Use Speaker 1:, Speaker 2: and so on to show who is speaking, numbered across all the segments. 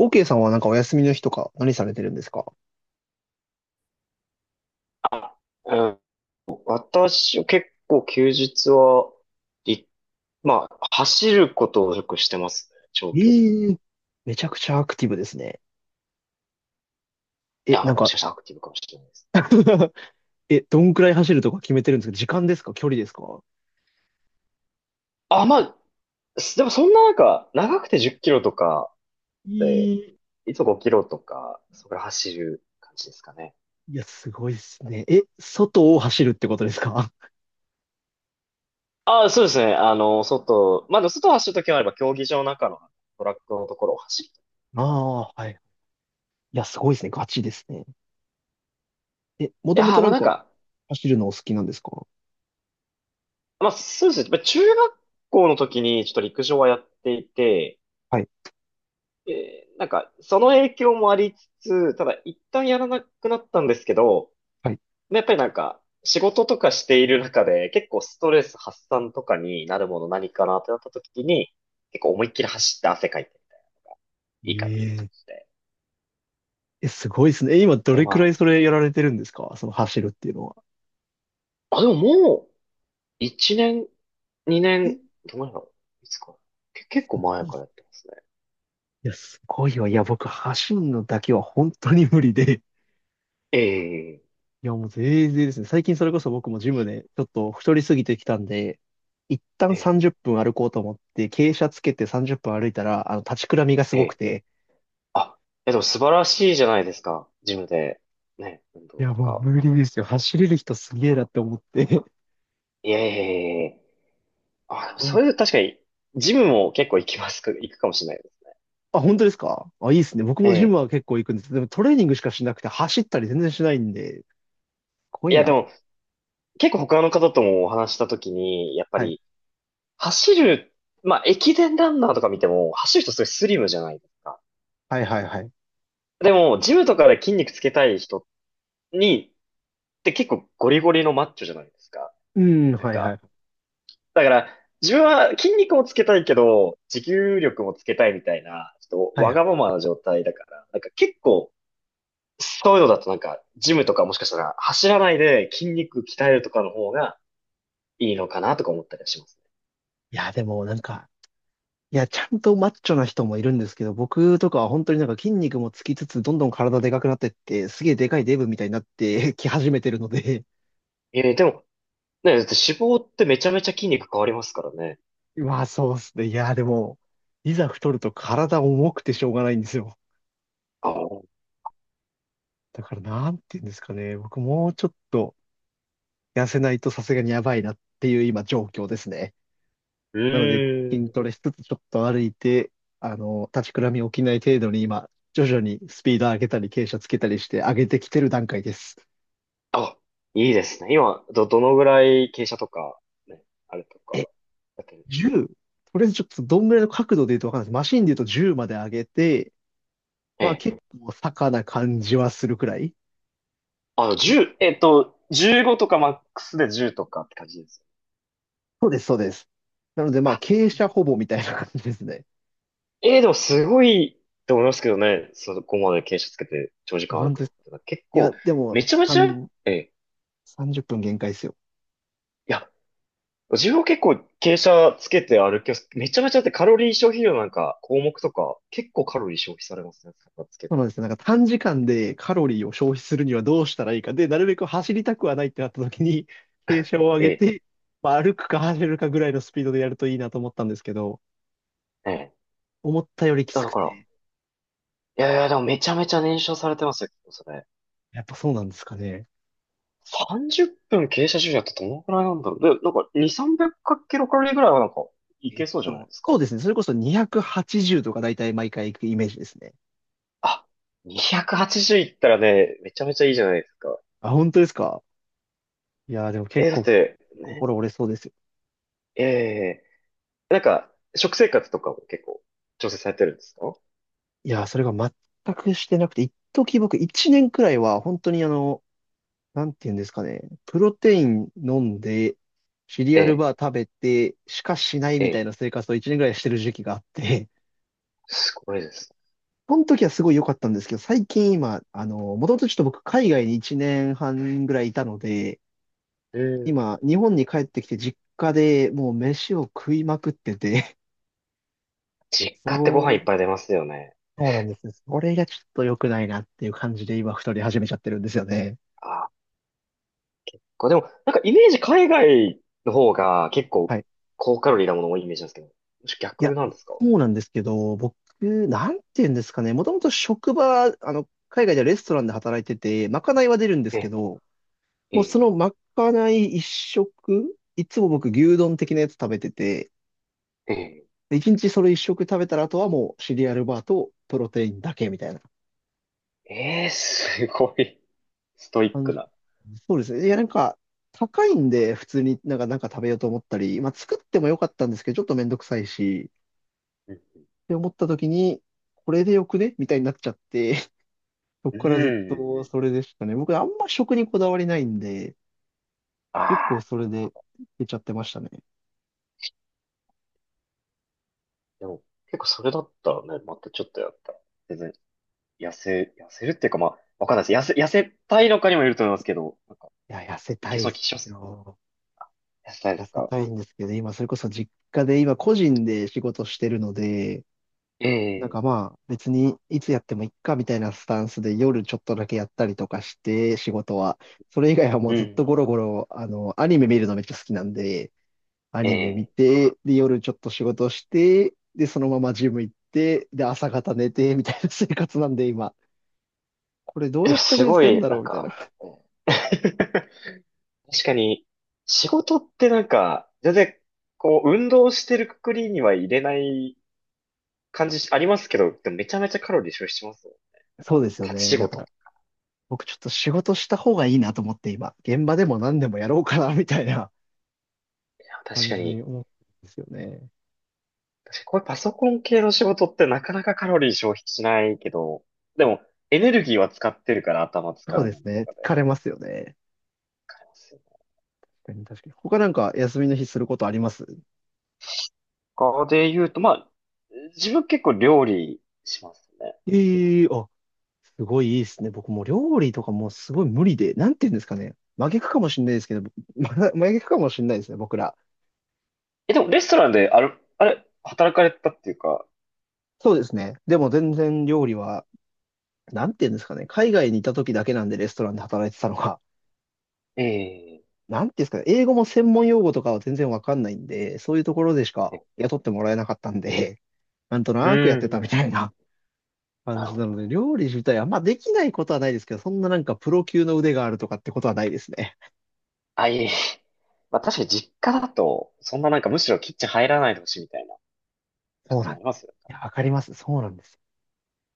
Speaker 1: OK さんはなんかお休みの日とか何されてるんですか？
Speaker 2: あうん私は結構休日は、い、まあ、走ることをよくしてますね。長
Speaker 1: え
Speaker 2: 距離。い
Speaker 1: えー、めちゃくちゃアクティブですね。え、
Speaker 2: や、ま
Speaker 1: な
Speaker 2: あ
Speaker 1: ん
Speaker 2: も
Speaker 1: か。
Speaker 2: しかしたらアクティブかもしれないです。
Speaker 1: え、どんくらい走るとか決めてるんですか？時間ですか？距離ですか？
Speaker 2: あ、まあ、すでもそんななんか、長くて10キロとかで、
Speaker 1: い
Speaker 2: いつも5キロとか、それ走る感じですかね。
Speaker 1: いや、すごいですね。え、外を走るってことですか？
Speaker 2: あ、そうですね。あの、外、まあ、でも外を走るときもあれば、競技場の中のトラックのところを走る
Speaker 1: あ
Speaker 2: とか。
Speaker 1: あ、はい。いや、すごいですね。ガチですね。え、も
Speaker 2: い
Speaker 1: と
Speaker 2: や
Speaker 1: も
Speaker 2: ー、
Speaker 1: と
Speaker 2: ま
Speaker 1: な
Speaker 2: あ
Speaker 1: ん
Speaker 2: なん
Speaker 1: か
Speaker 2: か、
Speaker 1: 走るのお好きなんですか？
Speaker 2: まあそうですね。まあ中学校の時にちょっと陸上はやっていて、
Speaker 1: はい、
Speaker 2: その影響もありつつ、ただ一旦やらなくなったんですけど、
Speaker 1: はい。
Speaker 2: やっぱりなんか、仕事とかしている中で、結構ストレス発散とかになるもの何かなってなった時に、結構思いっきり走って汗かいていいかなと思
Speaker 1: ええ
Speaker 2: って。
Speaker 1: え、すごいですね。え、今ど
Speaker 2: それ
Speaker 1: れく
Speaker 2: もあ
Speaker 1: らいそ
Speaker 2: る、
Speaker 1: れやられてるんですか？その走るっていうのは。
Speaker 2: あ、でももう、1年、2
Speaker 1: え、
Speaker 2: 年、
Speaker 1: す
Speaker 2: どのぐらいだろういつか。け、結構
Speaker 1: ご
Speaker 2: 前
Speaker 1: いっ
Speaker 2: から
Speaker 1: す
Speaker 2: や
Speaker 1: ね。
Speaker 2: ってますね。
Speaker 1: いや、すごいわ。いや、僕、走るのだけは本当に無理で。
Speaker 2: ええ
Speaker 1: いや、もう全然ですね。最近それこそ僕もジムでちょっと太りすぎてきたんで、一旦
Speaker 2: ええ
Speaker 1: 30分歩こうと思って、傾斜つけて30分歩いたら、立ちくらみがす
Speaker 2: え
Speaker 1: ごく
Speaker 2: え
Speaker 1: て。
Speaker 2: あ、え、でも素晴らしいじゃないですか。ジムで、ね、運
Speaker 1: い
Speaker 2: 動
Speaker 1: や、
Speaker 2: と
Speaker 1: もう
Speaker 2: か。
Speaker 1: 無理ですよ。走れる人すげえなって思って。かっ
Speaker 2: いえいえいえいえ。あ、でも
Speaker 1: こいいな。
Speaker 2: それ確かに、ジムも結構行きますか、行くかもしれないですね
Speaker 1: あ、本当ですか？あ、いいですね。僕
Speaker 2: え
Speaker 1: もジム
Speaker 2: え。
Speaker 1: は結構行くんです。でもトレーニングしかしなくて、走ったり全然しないんで、かっこい
Speaker 2: い
Speaker 1: い
Speaker 2: や、
Speaker 1: な
Speaker 2: で
Speaker 1: と。
Speaker 2: も、結構他の方ともお話したときに、やっぱ
Speaker 1: はい。
Speaker 2: り、走る、まあ、駅伝ランナーとか見ても、走る人すごいスリムじゃないですか。
Speaker 1: はいはいはい。
Speaker 2: でも、ジムとかで筋肉つけたい人に、って結構ゴリゴリのマッチョじゃないですか。
Speaker 1: うん、
Speaker 2: なん
Speaker 1: はいは
Speaker 2: か、
Speaker 1: い。
Speaker 2: だから、自分は筋肉もつけたいけど、持久力もつけたいみたいな、ちょっと
Speaker 1: はい
Speaker 2: わ
Speaker 1: は
Speaker 2: がま
Speaker 1: い。
Speaker 2: まな状態だから、なんか結構、そういうのだとなんか、ジムとかもしかしたら走らないで筋肉鍛えるとかの方がいいのかなとか思ったりはします
Speaker 1: いや、でもなんか、いや、ちゃんとマッチョな人もいるんですけど、僕とかは本当になんか筋肉もつきつつ、どんどん体でかくなってって、すげえでかいデブみたいになって き始めてるので、
Speaker 2: ね。えー、でも、ね、だって脂肪ってめちゃめちゃ筋肉変わりますからね。
Speaker 1: まあそうっすね。いや、でも、いざ太ると体重くてしょうがないんですよ。
Speaker 2: あ、う
Speaker 1: だからなんて言うんですかね。僕もうちょっと痩せないとさすがにやばいなっていう今状況ですね。
Speaker 2: ー
Speaker 1: なので筋
Speaker 2: ん。
Speaker 1: トレしつつちょっと歩いて、立ちくらみ起きない程度に今、徐々にスピード上げたり傾斜つけたりして上げてきてる段階です。
Speaker 2: あ、いいですね。今、ど、どのぐらい傾斜とか、ね、あれとか、
Speaker 1: え、
Speaker 2: だけど。
Speaker 1: 10、とりあえずちょっとどんぐらいの角度で言うとわかんないです。マシンで言うと10まで上げて、
Speaker 2: え
Speaker 1: まあ
Speaker 2: え。
Speaker 1: 結構坂な感じはするくらい。
Speaker 2: あの、
Speaker 1: いや、
Speaker 2: 10、15とかマックスで10とかって感じです。
Speaker 1: そうです、そうです。なのでまあ
Speaker 2: あ
Speaker 1: 傾斜ほぼみたいな感じですね。
Speaker 2: ええでもすごいと思いますけどね。そこまで傾斜つけて長時
Speaker 1: いや
Speaker 2: 間歩
Speaker 1: 本
Speaker 2: く
Speaker 1: 当で
Speaker 2: の
Speaker 1: す。
Speaker 2: って。結
Speaker 1: いや、
Speaker 2: 構、
Speaker 1: でも、
Speaker 2: めちゃめちゃ、ええ
Speaker 1: 30分限界ですよ。
Speaker 2: いや、自分は結構傾斜つけて歩きます。めちゃめちゃだってカロリー消費量なんか項目とか、結構カロリー消費されますね。傾つけ
Speaker 1: そう
Speaker 2: て歩
Speaker 1: なん
Speaker 2: く。
Speaker 1: ですよ。なんか短時間でカロリーを消費するにはどうしたらいいか。で、なるべく走りたくはないってなった時に、傾斜を上げ
Speaker 2: ええ
Speaker 1: て、まあ、歩くか走れるかぐらいのスピードでやるといいなと思ったんですけど、
Speaker 2: ええ
Speaker 1: 思ったよりき
Speaker 2: だ
Speaker 1: つく
Speaker 2: から、
Speaker 1: て、
Speaker 2: いやいや、でもめちゃめちゃ燃焼されてますよ、それ。
Speaker 1: やっぱそうなんですかね。
Speaker 2: 30分傾斜重視だったらどのくらいなんだろう。で、なんか2、300キロカロリーぐらいはなんかいけそうじゃないです
Speaker 1: そ
Speaker 2: か。
Speaker 1: うですね。それこそ280とか大体毎回行くイメージですね。
Speaker 2: あ、280いったらね、めちゃめちゃいいじゃないですか。
Speaker 1: あ、本当ですか？いやー、でも結
Speaker 2: え、だっ
Speaker 1: 構
Speaker 2: て、ね、
Speaker 1: 心折れそうですよ。
Speaker 2: ええなんか、食生活とかも結構調整されてるんですか？
Speaker 1: いやー、それが全くしてなくて、一時僕1年くらいは本当になんて言うんですかね。プロテイン飲んで、シリ
Speaker 2: え
Speaker 1: アル
Speaker 2: え、
Speaker 1: バー食べて、しかしない
Speaker 2: え
Speaker 1: みたい
Speaker 2: え、
Speaker 1: な生活を1年くらいしてる時期があって、
Speaker 2: すごいです。
Speaker 1: その時はすごい良かったんですけど、最近今、もともとちょっと僕海外に1年半ぐらいいたので、
Speaker 2: うん。
Speaker 1: 今、日本に帰ってきて実家でもう飯を食いまくってて、
Speaker 2: 実 家ってご
Speaker 1: そ
Speaker 2: 飯いっ
Speaker 1: れ、
Speaker 2: ぱい出ますよね。
Speaker 1: そうなんですよ。それがちょっと良くないなっていう感じで今太り始めちゃってるんですよね。
Speaker 2: あ、これでも、なんかイメージ海外の方が結
Speaker 1: は
Speaker 2: 構
Speaker 1: い。
Speaker 2: 高カロリーなもの多いイメージなんですけど、もし
Speaker 1: いや、
Speaker 2: 逆なんですか？
Speaker 1: そうなんですけど、僕、なんて言うんですかね。もともと職場、海外ではレストランで働いてて、まかないは出るんです
Speaker 2: え
Speaker 1: け
Speaker 2: え、
Speaker 1: ど、
Speaker 2: え
Speaker 1: もうそ
Speaker 2: え、
Speaker 1: のまかない一食、いつも僕牛丼的なやつ食べてて、
Speaker 2: え
Speaker 1: で一日それ一食食べたらあとはもうシリアルバーとプロテインだけみたいな。
Speaker 2: え、ええすごいストイッ
Speaker 1: 感
Speaker 2: ク
Speaker 1: じ、
Speaker 2: な。
Speaker 1: そうですね。いや、なんか、高いんで、普通になんか食べようと思ったり、まあ、作ってもよかったんですけど、ちょっとめんどくさいし、
Speaker 2: うん。
Speaker 1: って思った時に、これでよくねみたいになっちゃって、そこ
Speaker 2: う
Speaker 1: からずっと
Speaker 2: ん。
Speaker 1: それでしたね。僕、あんま食にこだわりないんで、
Speaker 2: あ
Speaker 1: 結構
Speaker 2: あ。
Speaker 1: それで出ちゃってましたね。
Speaker 2: でも、結構それだったらね、またちょっとやったら。全然、痩せ、痩せるっていうか、まあ、わかんないです。痩せ、痩せたいのかにもよると思いますけど、なんか、
Speaker 1: いや、痩せ
Speaker 2: い
Speaker 1: た
Speaker 2: け
Speaker 1: いっ
Speaker 2: そうな
Speaker 1: す
Speaker 2: 気します。
Speaker 1: よ。
Speaker 2: 痩せたいで
Speaker 1: 痩
Speaker 2: す
Speaker 1: せ
Speaker 2: か？
Speaker 1: たいんですけど、今、それこそ実家で、今、個人で仕事してるので、なん
Speaker 2: ええ
Speaker 1: かまあ、別にいつやってもいっかみたいなスタンスで夜ちょっとだけやったりとかして、仕事は。それ以外はも
Speaker 2: う
Speaker 1: うずっと
Speaker 2: ん。
Speaker 1: ゴロゴロ、アニメ見るのめっちゃ好きなんで、アニメ見
Speaker 2: ええ
Speaker 1: て、で、夜ちょっと仕事して、で、そのままジム行って、で、朝方寝て、みたいな生活なんで今。これどう
Speaker 2: で
Speaker 1: や
Speaker 2: も
Speaker 1: ったら
Speaker 2: す
Speaker 1: 痩
Speaker 2: ご
Speaker 1: せん
Speaker 2: い、
Speaker 1: だ
Speaker 2: な
Speaker 1: ろう
Speaker 2: ん
Speaker 1: みたいな。
Speaker 2: か、うん 確かに、仕事ってなんか、全然、こう、運動してるくくりには入れない感じしありますけど、でもめちゃめちゃカロリー消費しますよね。なん
Speaker 1: そう
Speaker 2: か、
Speaker 1: ですよ
Speaker 2: 立ち
Speaker 1: ね。
Speaker 2: 仕
Speaker 1: だか
Speaker 2: 事。
Speaker 1: ら、僕ちょっと仕事した方がいいなと思って今、現場でも何でもやろうかな、みたいな
Speaker 2: いや、確
Speaker 1: 感
Speaker 2: か
Speaker 1: じに
Speaker 2: に、
Speaker 1: 思ってるんですよね。
Speaker 2: 確かにこういうパソコン系の仕事ってなかなかカロリー消費しないけど、でもエネルギーは使ってるから頭使
Speaker 1: そう
Speaker 2: う
Speaker 1: で
Speaker 2: の
Speaker 1: す
Speaker 2: に
Speaker 1: ね。
Speaker 2: とか
Speaker 1: 疲
Speaker 2: で
Speaker 1: れますよね。
Speaker 2: 買えますよね。
Speaker 1: 確かに、確かに。他なんか休みの日することあります？
Speaker 2: 他で言うと、まあ、自分結構料理しますね。
Speaker 1: ええ、あ、すごいいいですね。僕もう料理とかもうすごい無理で、なんて言うんですかね。真逆かもしれないですけど、ま真逆かもしれないですね、僕ら。
Speaker 2: え、でもレストランである、あれ、働かれたっていうか、
Speaker 1: そうですね。でも全然料理は、なんて言うんですかね。海外にいた時だけなんでレストランで働いてたのが、
Speaker 2: ええ
Speaker 1: なんて言うんですかね。英語も専門用語とかは全然わかんないんで、そういうところでしか
Speaker 2: え
Speaker 1: 雇ってもらえなかったんで、なんと
Speaker 2: う
Speaker 1: なくやって
Speaker 2: ん、う
Speaker 1: たみ
Speaker 2: ん
Speaker 1: たいな感
Speaker 2: なる
Speaker 1: じ
Speaker 2: ほ
Speaker 1: な
Speaker 2: ど
Speaker 1: ので、
Speaker 2: な。
Speaker 1: 料理自体は、まあできないことはないですけど、そんななんかプロ級の腕があるとかってことはないですね。
Speaker 2: あ、いえいえ。まあ確かに実家だと、そんななんかむしろキッチン入らないでほしいみたいな
Speaker 1: そ
Speaker 2: 感
Speaker 1: う
Speaker 2: じ
Speaker 1: な
Speaker 2: も
Speaker 1: ん
Speaker 2: あ
Speaker 1: です。
Speaker 2: りますよ
Speaker 1: いや、わかります。そうなんです。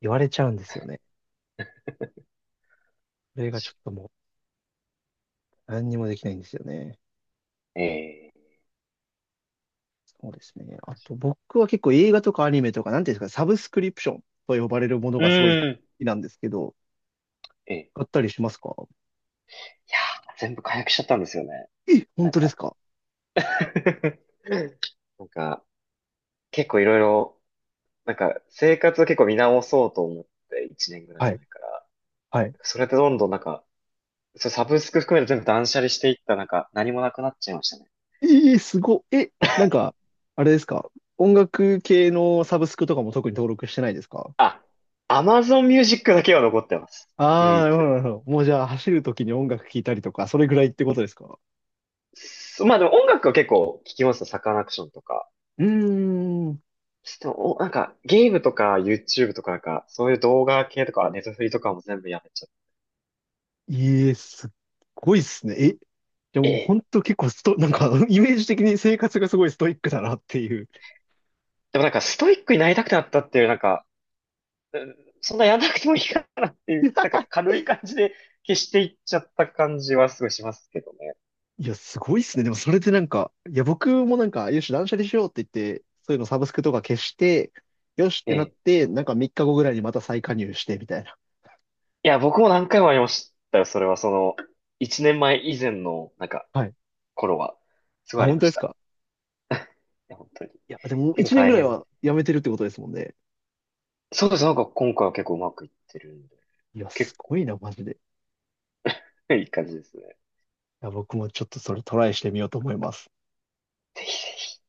Speaker 1: 言われちゃうんですよね。それがちょっともう何にもできないんですよね。
Speaker 2: ね。ええ
Speaker 1: そうですね。あと僕は結構映画とかアニメとか、なんていうんですか、サブスクリプションと呼ばれるもの
Speaker 2: う
Speaker 1: がすごい好
Speaker 2: ん。
Speaker 1: きなんですけど、
Speaker 2: ええ
Speaker 1: 買ったりしますか？
Speaker 2: いやー、全部解約しちゃったんですよね。
Speaker 1: え、本
Speaker 2: なん
Speaker 1: 当です
Speaker 2: か、
Speaker 1: か？
Speaker 2: なんか、結構いろいろ、なんか、生活を結構見直そうと思って、1年ぐら
Speaker 1: は
Speaker 2: い
Speaker 1: い。
Speaker 2: 前から。
Speaker 1: はい。
Speaker 2: それでどんどんなんか、それサブスク含めて全部断捨離していった、なんか、何もなくなっちゃいましたね。
Speaker 1: えー、すごい。え、なんか、あれですか？音楽系のサブスクとかも特に登録してないですか？
Speaker 2: あ、Amazon Music だけは残ってます。
Speaker 1: あ
Speaker 2: 唯
Speaker 1: あ、なるほど、
Speaker 2: 一。
Speaker 1: なるほど。もうじゃあ、走るときに音楽聴いたりとか、それぐらいってことですか？
Speaker 2: そまあでも音楽は結構聞きますよ。サカナクションとか。
Speaker 1: うーん。
Speaker 2: でも、おなんか、ゲームとか YouTube とかなんか、そういう動画系とか、ネットフリとかも全部やめちゃっ
Speaker 1: いえ、すっごいっすね。え、で
Speaker 2: て。
Speaker 1: も
Speaker 2: ええ
Speaker 1: 本当結構なんか、イメージ的に生活がすごいストイックだなっていう。
Speaker 2: でもなんか、ストイックになりたくなったっていう、なんか、うんそんなやんなくてもいいかなっていう、なんか 軽い感じで消していっちゃった感じはすごいしますけどね。
Speaker 1: いや、すごいっすね。でもそれでなんか、いや、僕もなんか、よし、断捨離しようって言って、そういうのサブスクとか消して、よしっ
Speaker 2: え
Speaker 1: てなっ
Speaker 2: え。
Speaker 1: て、なんか3日後ぐらいにまた再加入して、みたいな。
Speaker 2: いや、僕も何回もありましたよ。それはその、1年前以前の、なんか、
Speaker 1: はい。
Speaker 2: 頃は、すご
Speaker 1: あ、
Speaker 2: いあり
Speaker 1: 本
Speaker 2: ま
Speaker 1: 当で
Speaker 2: し
Speaker 1: す
Speaker 2: た。い
Speaker 1: か？
Speaker 2: や、本当に。
Speaker 1: いや、でも
Speaker 2: 結構
Speaker 1: 1年
Speaker 2: 大
Speaker 1: ぐらい
Speaker 2: 変。
Speaker 1: はやめてるってことですもんね。
Speaker 2: そうです。なんか今回は結構うまくいってるんで、
Speaker 1: いや、す
Speaker 2: 結
Speaker 1: ご
Speaker 2: 構
Speaker 1: いな、マジで。
Speaker 2: ねいい感じですね。
Speaker 1: いや、僕もちょっとそれトライしてみようと思います。
Speaker 2: ぜひぜひ。